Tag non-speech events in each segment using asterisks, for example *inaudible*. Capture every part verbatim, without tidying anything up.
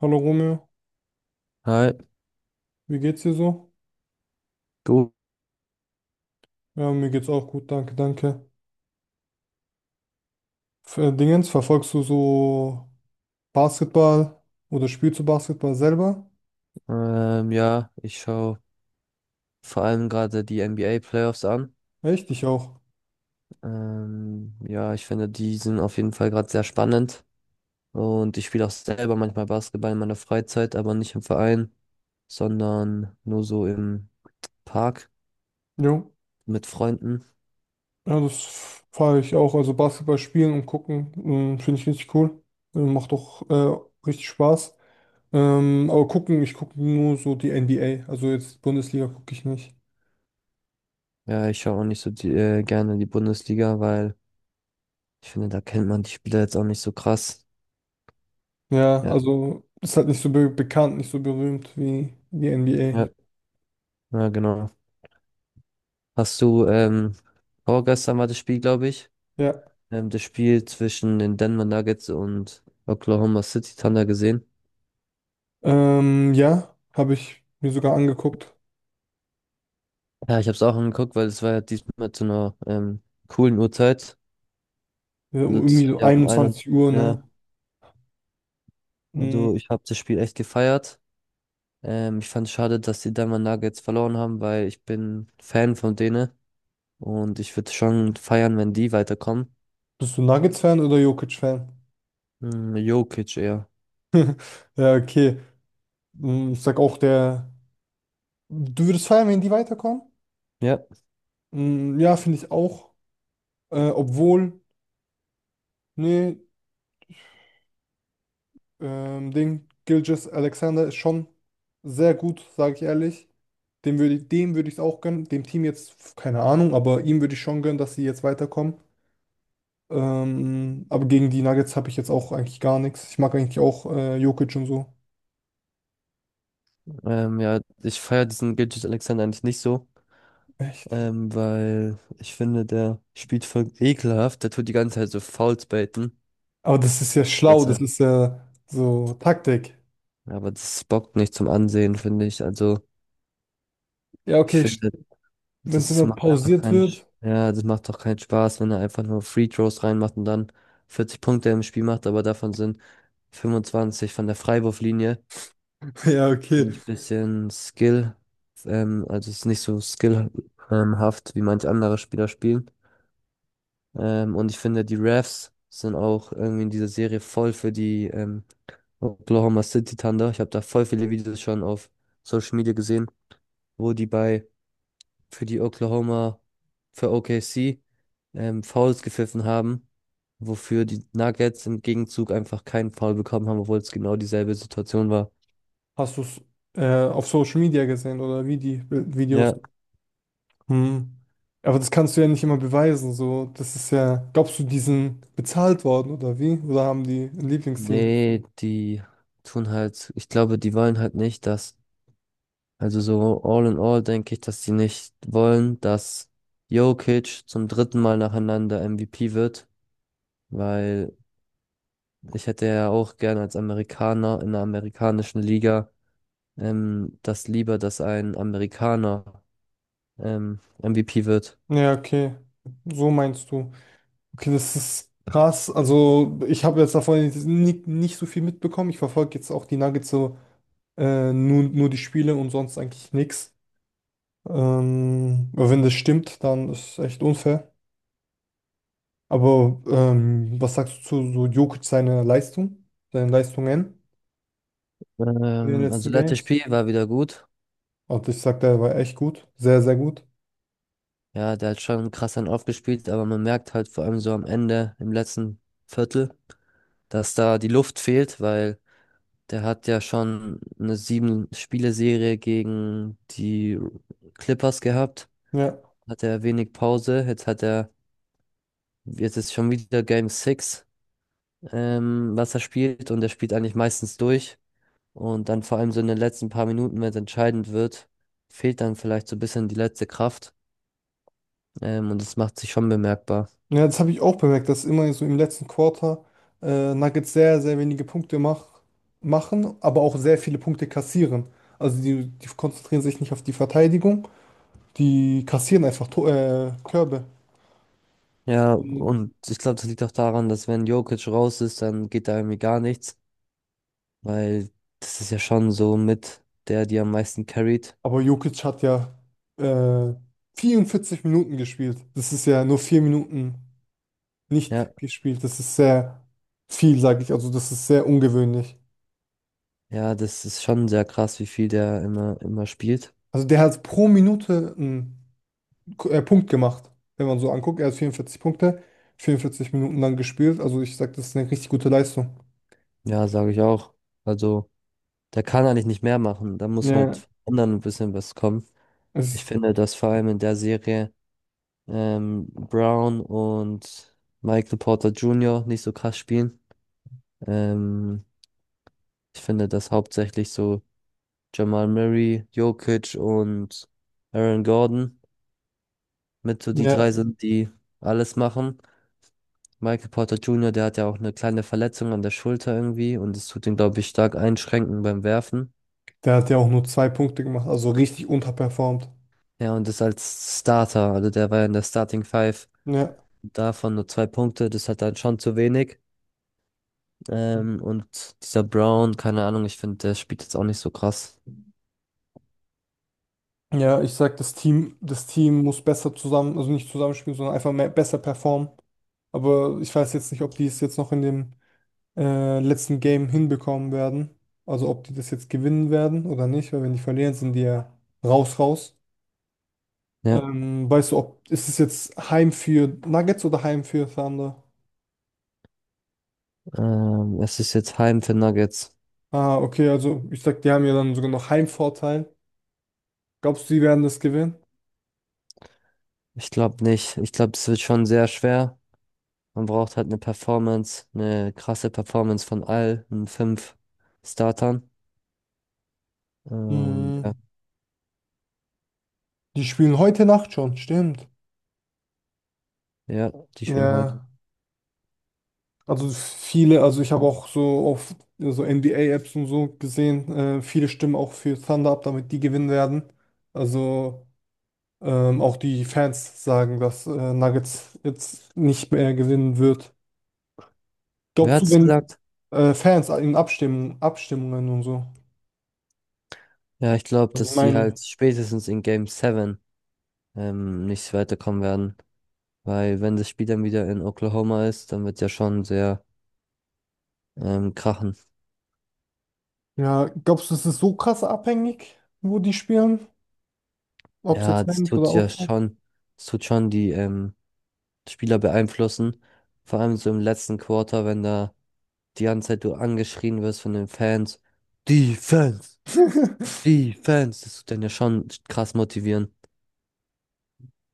Hallo Romeo, Hi, wie geht's dir so? du. Ja, mir geht's auch gut, danke, danke. F- äh, Dingens, verfolgst du so Basketball oder spielst du Basketball selber? Ähm, ja, ich schaue vor allem gerade die N B A Playoffs an. Echt? Ich auch. Ähm, ja, ich finde, die sind auf jeden Fall gerade sehr spannend. Und ich spiele auch selber manchmal Basketball in meiner Freizeit, aber nicht im Verein, sondern nur so im Park Jo. mit Freunden. Ja, das f- fahre ich auch. Also Basketball spielen und gucken, ähm, finde ich richtig cool. Äh, Macht doch äh, richtig Spaß. Ähm, aber gucken, ich gucke nur so die N B A. Also jetzt Bundesliga gucke ich nicht. Ja, ich schaue auch nicht so die, äh, gerne die Bundesliga, weil ich finde, da kennt man die Spieler jetzt auch nicht so krass. Ja, Ja, also ist halt nicht so be bekannt, nicht so berühmt wie die N B A. ja, ja, genau. Hast du, ähm, vorgestern war das Spiel, glaube ich. Ja. Ähm, das Spiel zwischen den Denver Nuggets und Oklahoma City Thunder gesehen. Ähm, ja, habe ich mir sogar angeguckt. Ja, ich habe es auch angeguckt, weil es war ja diesmal zu einer ähm, coolen Uhrzeit. Ja, um Also das irgendwie hat so ja um ein und einundzwanzig Uhr, ja, ne? Mm. also ich habe das Spiel echt gefeiert. Ähm, ich fand es schade, dass die Denver Nuggets verloren haben, weil ich bin Fan von denen und ich würde schon feiern, wenn die weiterkommen. Bist du Nuggets-Fan oder Jokic-Fan? Hm, Jokic eher. *laughs* Ja, okay. Mm. Ich sag auch, der. Du würdest feiern, wenn die weiterkommen? Ja, Mm, ja, finde ich auch. Äh, obwohl, nee, ähm, Ding, Gilgeous Alexander ist schon sehr gut, sage ich ehrlich. Dem würde ich, dem würde ich es auch gönnen. Dem Team jetzt, keine Ahnung, aber ihm würde ich schon gönnen, dass sie jetzt weiterkommen. Ähm, aber gegen die Nuggets habe ich jetzt auch eigentlich gar nichts. Ich mag eigentlich auch äh, Jokic und so. ähm, ja, ich feiere diesen Gilgeous-Alexander eigentlich nicht so. Echt. Ähm, weil ich finde, der spielt voll ekelhaft. Der tut die ganze Zeit so Fouls baiten. Aber das ist ja schlau, Dass das er, ist ja so Taktik. aber das bockt nicht zum Ansehen, finde ich. Also, Ja, ich okay, finde, wenn es das immer macht einfach pausiert keinen, Sch- wird. *laughs* ja, das macht doch keinen Spaß, wenn er einfach nur Free Throws reinmacht und dann vierzig Punkte im Spiel macht, aber davon sind fünfundzwanzig von der Freiwurflinie. Ja, okay. Finde ich ein bisschen Skill, ähm, also es ist nicht so skillhaft, ähm, wie manche andere Spieler spielen. Ähm, und ich finde, die Refs sind auch irgendwie in dieser Serie voll für die ähm, Oklahoma City Thunder. Ich habe da voll viele Videos schon auf Social Media gesehen, wo die bei für die Oklahoma, für O K C ähm, Fouls gepfiffen haben, wofür die Nuggets im Gegenzug einfach keinen Foul bekommen haben, obwohl es genau dieselbe Situation war. Hast du es äh, auf Social Media gesehen oder wie die Bi- Videos? Ja, Hm. Aber das kannst du ja nicht immer beweisen. So, das ist ja, glaubst du, die sind bezahlt worden oder wie? Oder haben die ein Lieblingsteam? nee, die tun halt, ich glaube, die wollen halt nicht, dass. Also so all in all denke ich, dass sie nicht wollen, dass Jokic zum dritten Mal nacheinander M V P wird, weil ich hätte ja auch gerne als Amerikaner in der amerikanischen Liga ähm, das lieber, dass ein Amerikaner ähm, M V P wird. Ja, okay. So meinst du. Okay, das ist krass. Also, ich habe jetzt davon nicht, nicht so viel mitbekommen. Ich verfolge jetzt auch die Nuggets so äh, nur, nur die Spiele und sonst eigentlich nichts. Ähm, aber wenn das stimmt, dann ist es echt unfair. Aber ähm, was sagst du zu so Jokic seiner Leistung, seinen Leistungen in den Ähm, letzten Also letztes Games? Spiel war wieder gut. Also ich sag, der war echt gut. Sehr, sehr gut. Ja, der hat schon krass dann aufgespielt, aber man merkt halt vor allem so am Ende, im letzten Viertel, dass da die Luft fehlt, weil der hat ja schon eine Sieben-Spiele-Serie gegen die Clippers gehabt. Ja. Hat er wenig Pause. Jetzt hat er, jetzt ist schon wieder Game sechs, ähm, was er spielt. Und er spielt eigentlich meistens durch. Und dann vor allem so in den letzten paar Minuten, wenn es entscheidend wird, fehlt dann vielleicht so ein bisschen die letzte Kraft. Ähm, und das macht sich schon bemerkbar. Ja, das habe ich auch bemerkt, dass immer so im letzten Quarter äh, Nuggets sehr, sehr wenige Punkte mach machen, aber auch sehr viele Punkte kassieren. Also die, die konzentrieren sich nicht auf die Verteidigung, die kassieren einfach To- äh, Körbe. Ja, und ich glaube, das liegt auch daran, dass wenn Jokic raus ist, dann geht da irgendwie gar nichts. Weil das ist ja schon so mit der, die am meisten carried. Aber Jokic hat ja äh, vierundvierzig Minuten gespielt. Das ist ja nur vier Minuten Ja, nicht gespielt. Das ist sehr viel, sage ich. Also das ist sehr ungewöhnlich. ja, das ist schon sehr krass, wie viel der immer, immer spielt. Also der hat pro Minute einen äh, Punkt gemacht. Wenn man so anguckt, er hat vierundvierzig Punkte, vierundvierzig Minuten lang gespielt. Also ich sag, das ist eine richtig gute Leistung. Ja, sage ich auch. Also, der kann eigentlich nicht mehr machen. Da muss Ja, halt von anderen ein bisschen was kommen. Ich Es, finde, dass vor allem in der Serie ähm, Brown und Michael Porter Junior nicht so krass spielen. Ähm, Ich finde, dass hauptsächlich so Jamal Murray, Jokic und Aaron Gordon mit so die ja, drei sind, die alles machen. Michael Porter Junior, der hat ja auch eine kleine Verletzung an der Schulter irgendwie und es tut ihn, glaube ich, stark einschränken beim Werfen. der hat ja auch nur zwei Punkte gemacht, also richtig unterperformt. Ja, und ist als Starter, also der war ja in der Starting Five, Ja, davon nur zwei Punkte, das hat dann schon zu wenig. Ähm, und dieser Brown, keine Ahnung, ich finde, der spielt jetzt auch nicht so krass. ja, ich sag, das Team, das Team muss besser zusammen, also nicht zusammenspielen, sondern einfach mehr, besser performen. Aber ich weiß jetzt nicht, ob die es jetzt noch in dem äh, letzten Game hinbekommen werden. Also ob die das jetzt gewinnen werden oder nicht, weil wenn die verlieren, sind die ja raus, raus. Ja, Ähm, weißt du, ob ist es jetzt Heim für Nuggets oder Heim für Thunder? ähm, es ist jetzt Heim für Nuggets. Ah, okay, also ich sag, die haben ja dann sogar noch Heimvorteil. Glaubst du, die werden das gewinnen? Ich glaube nicht. Ich glaube, es wird schon sehr schwer. Man braucht halt eine Performance, eine krasse Performance von allen fünf Startern. Ähm, Hm, Ja. die spielen heute Nacht schon, stimmt. Ja, die spielen heute. Ja, also viele, also ich habe auch so auf so N B A-Apps und so gesehen, äh, viele stimmen auch für Thunder ab, damit die gewinnen werden. Also ähm, auch die Fans sagen, dass äh, Nuggets jetzt nicht mehr gewinnen wird. Wer Glaubst du, hat's wenn gesagt? äh, Fans in Abstimmen, Abstimmungen und so, Ja, ich glaube, die dass sie Meinung? halt spätestens in Game sieben ähm, nicht weiterkommen werden. Weil wenn das Spiel dann wieder in Oklahoma ist, dann wird ja schon sehr ähm, krachen. Ja, glaubst du, es ist so krass abhängig, wo die spielen? Ob es Ja, jetzt das rein oder tut ja außerhalb? schon, das tut schon die ähm, Spieler beeinflussen. Vor allem so im letzten Quarter, wenn da die ganze Zeit du angeschrien wirst von den Fans. Defense! *laughs* Defense! Das tut dann ja schon krass motivieren.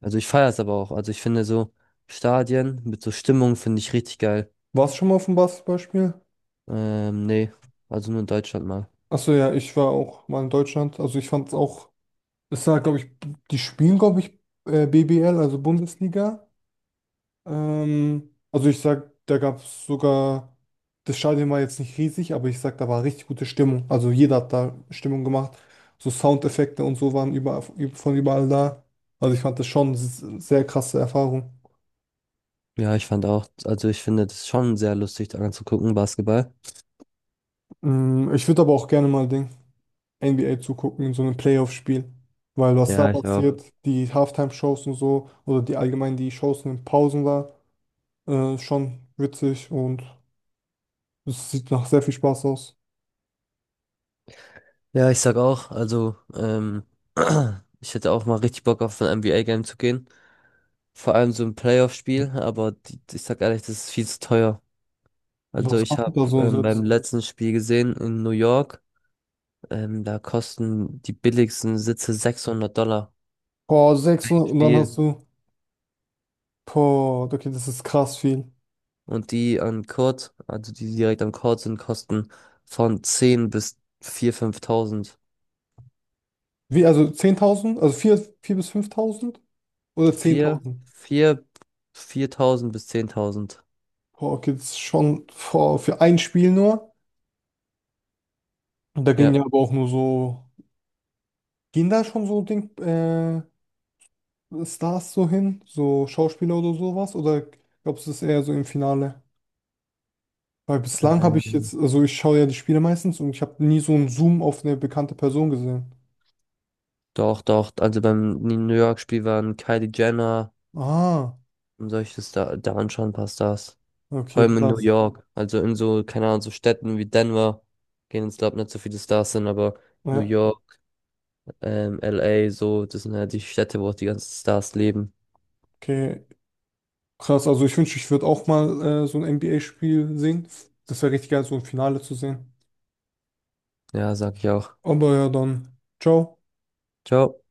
Also ich feiere es aber auch. Also ich finde so Stadien mit so Stimmung finde ich richtig geil. Warst du schon mal auf dem Basketballspiel? Ähm, nee, also nur in Deutschland mal. Achso, ja, ich war auch mal in Deutschland. Also ich fand es auch, es war, glaube ich, die spielen, glaube ich, äh, B B L, also Bundesliga. Ähm, also ich sag, da gab es sogar, das Stadion war jetzt nicht riesig, aber ich sag, da war richtig gute Stimmung. Also jeder hat da Stimmung gemacht. So Soundeffekte und so waren überall, von überall da. Also ich fand das schon s- sehr krasse Erfahrung. Ja, ich fand auch, also ich finde das schon sehr lustig, da anzugucken, Basketball. Mm. Ich würde aber auch gerne mal den N B A zugucken in so einem Playoff-Spiel. Weil was da Ja, ich auch. passiert, die Halftime-Shows und so, oder die allgemein die Shows in den Pausen da, äh, schon witzig und es sieht nach sehr viel Spaß aus. Ja, ich sag auch, also ähm, *clears throat* ich hätte auch mal richtig Bock auf ein N B A-Game zu gehen. Vor allem so ein Playoff-Spiel, aber die, ich sag ehrlich, das ist viel zu teuer. Also Was ich macht man habe da so ein ähm, beim letzten Spiel gesehen in New York, ähm, da kosten die billigsten Sitze sechshundert Dollar. Boah, sechshundert und dann Spiel. hast du, boah, okay, das ist krass viel. Und die an Kord, also die direkt am Kord sind, kosten von zehn bis viertausend, fünftausend. Wie, also zehntausend? Also vier vier bis fünftausend? Oder vier zehntausend? vier Viertausend bis zehntausend. Boah, okay, das ist schon boah, für ein Spiel nur. Und da gehen Ja. ja aber auch nur so, gehen da schon so Ding, äh, Stars so hin? So Schauspieler oder sowas? Oder glaubst du, das ist eher so im Finale? Weil bislang habe ich Ähm, jetzt, also ich schaue ja die Spiele meistens und ich habe nie so einen Zoom auf eine bekannte Person gesehen. Doch, doch. Also beim New York-Spiel waren Kylie Jenner Ah, und solche Star da anschauen, passt das. Vor okay, allem in New krass. York. Also in so, keine Ahnung, so Städten wie Denver gehen jetzt, glaube ich, nicht so viele Stars hin, aber New Ja, York, ähm, L A, so, das sind halt die Städte, wo auch die ganzen Stars leben. okay. Krass, also ich wünsche, ich würde auch mal äh, so ein N B A-Spiel sehen. Das wäre richtig geil, so ein Finale zu sehen. Ja, sag ich auch. Aber ja, dann, ciao. Ciao.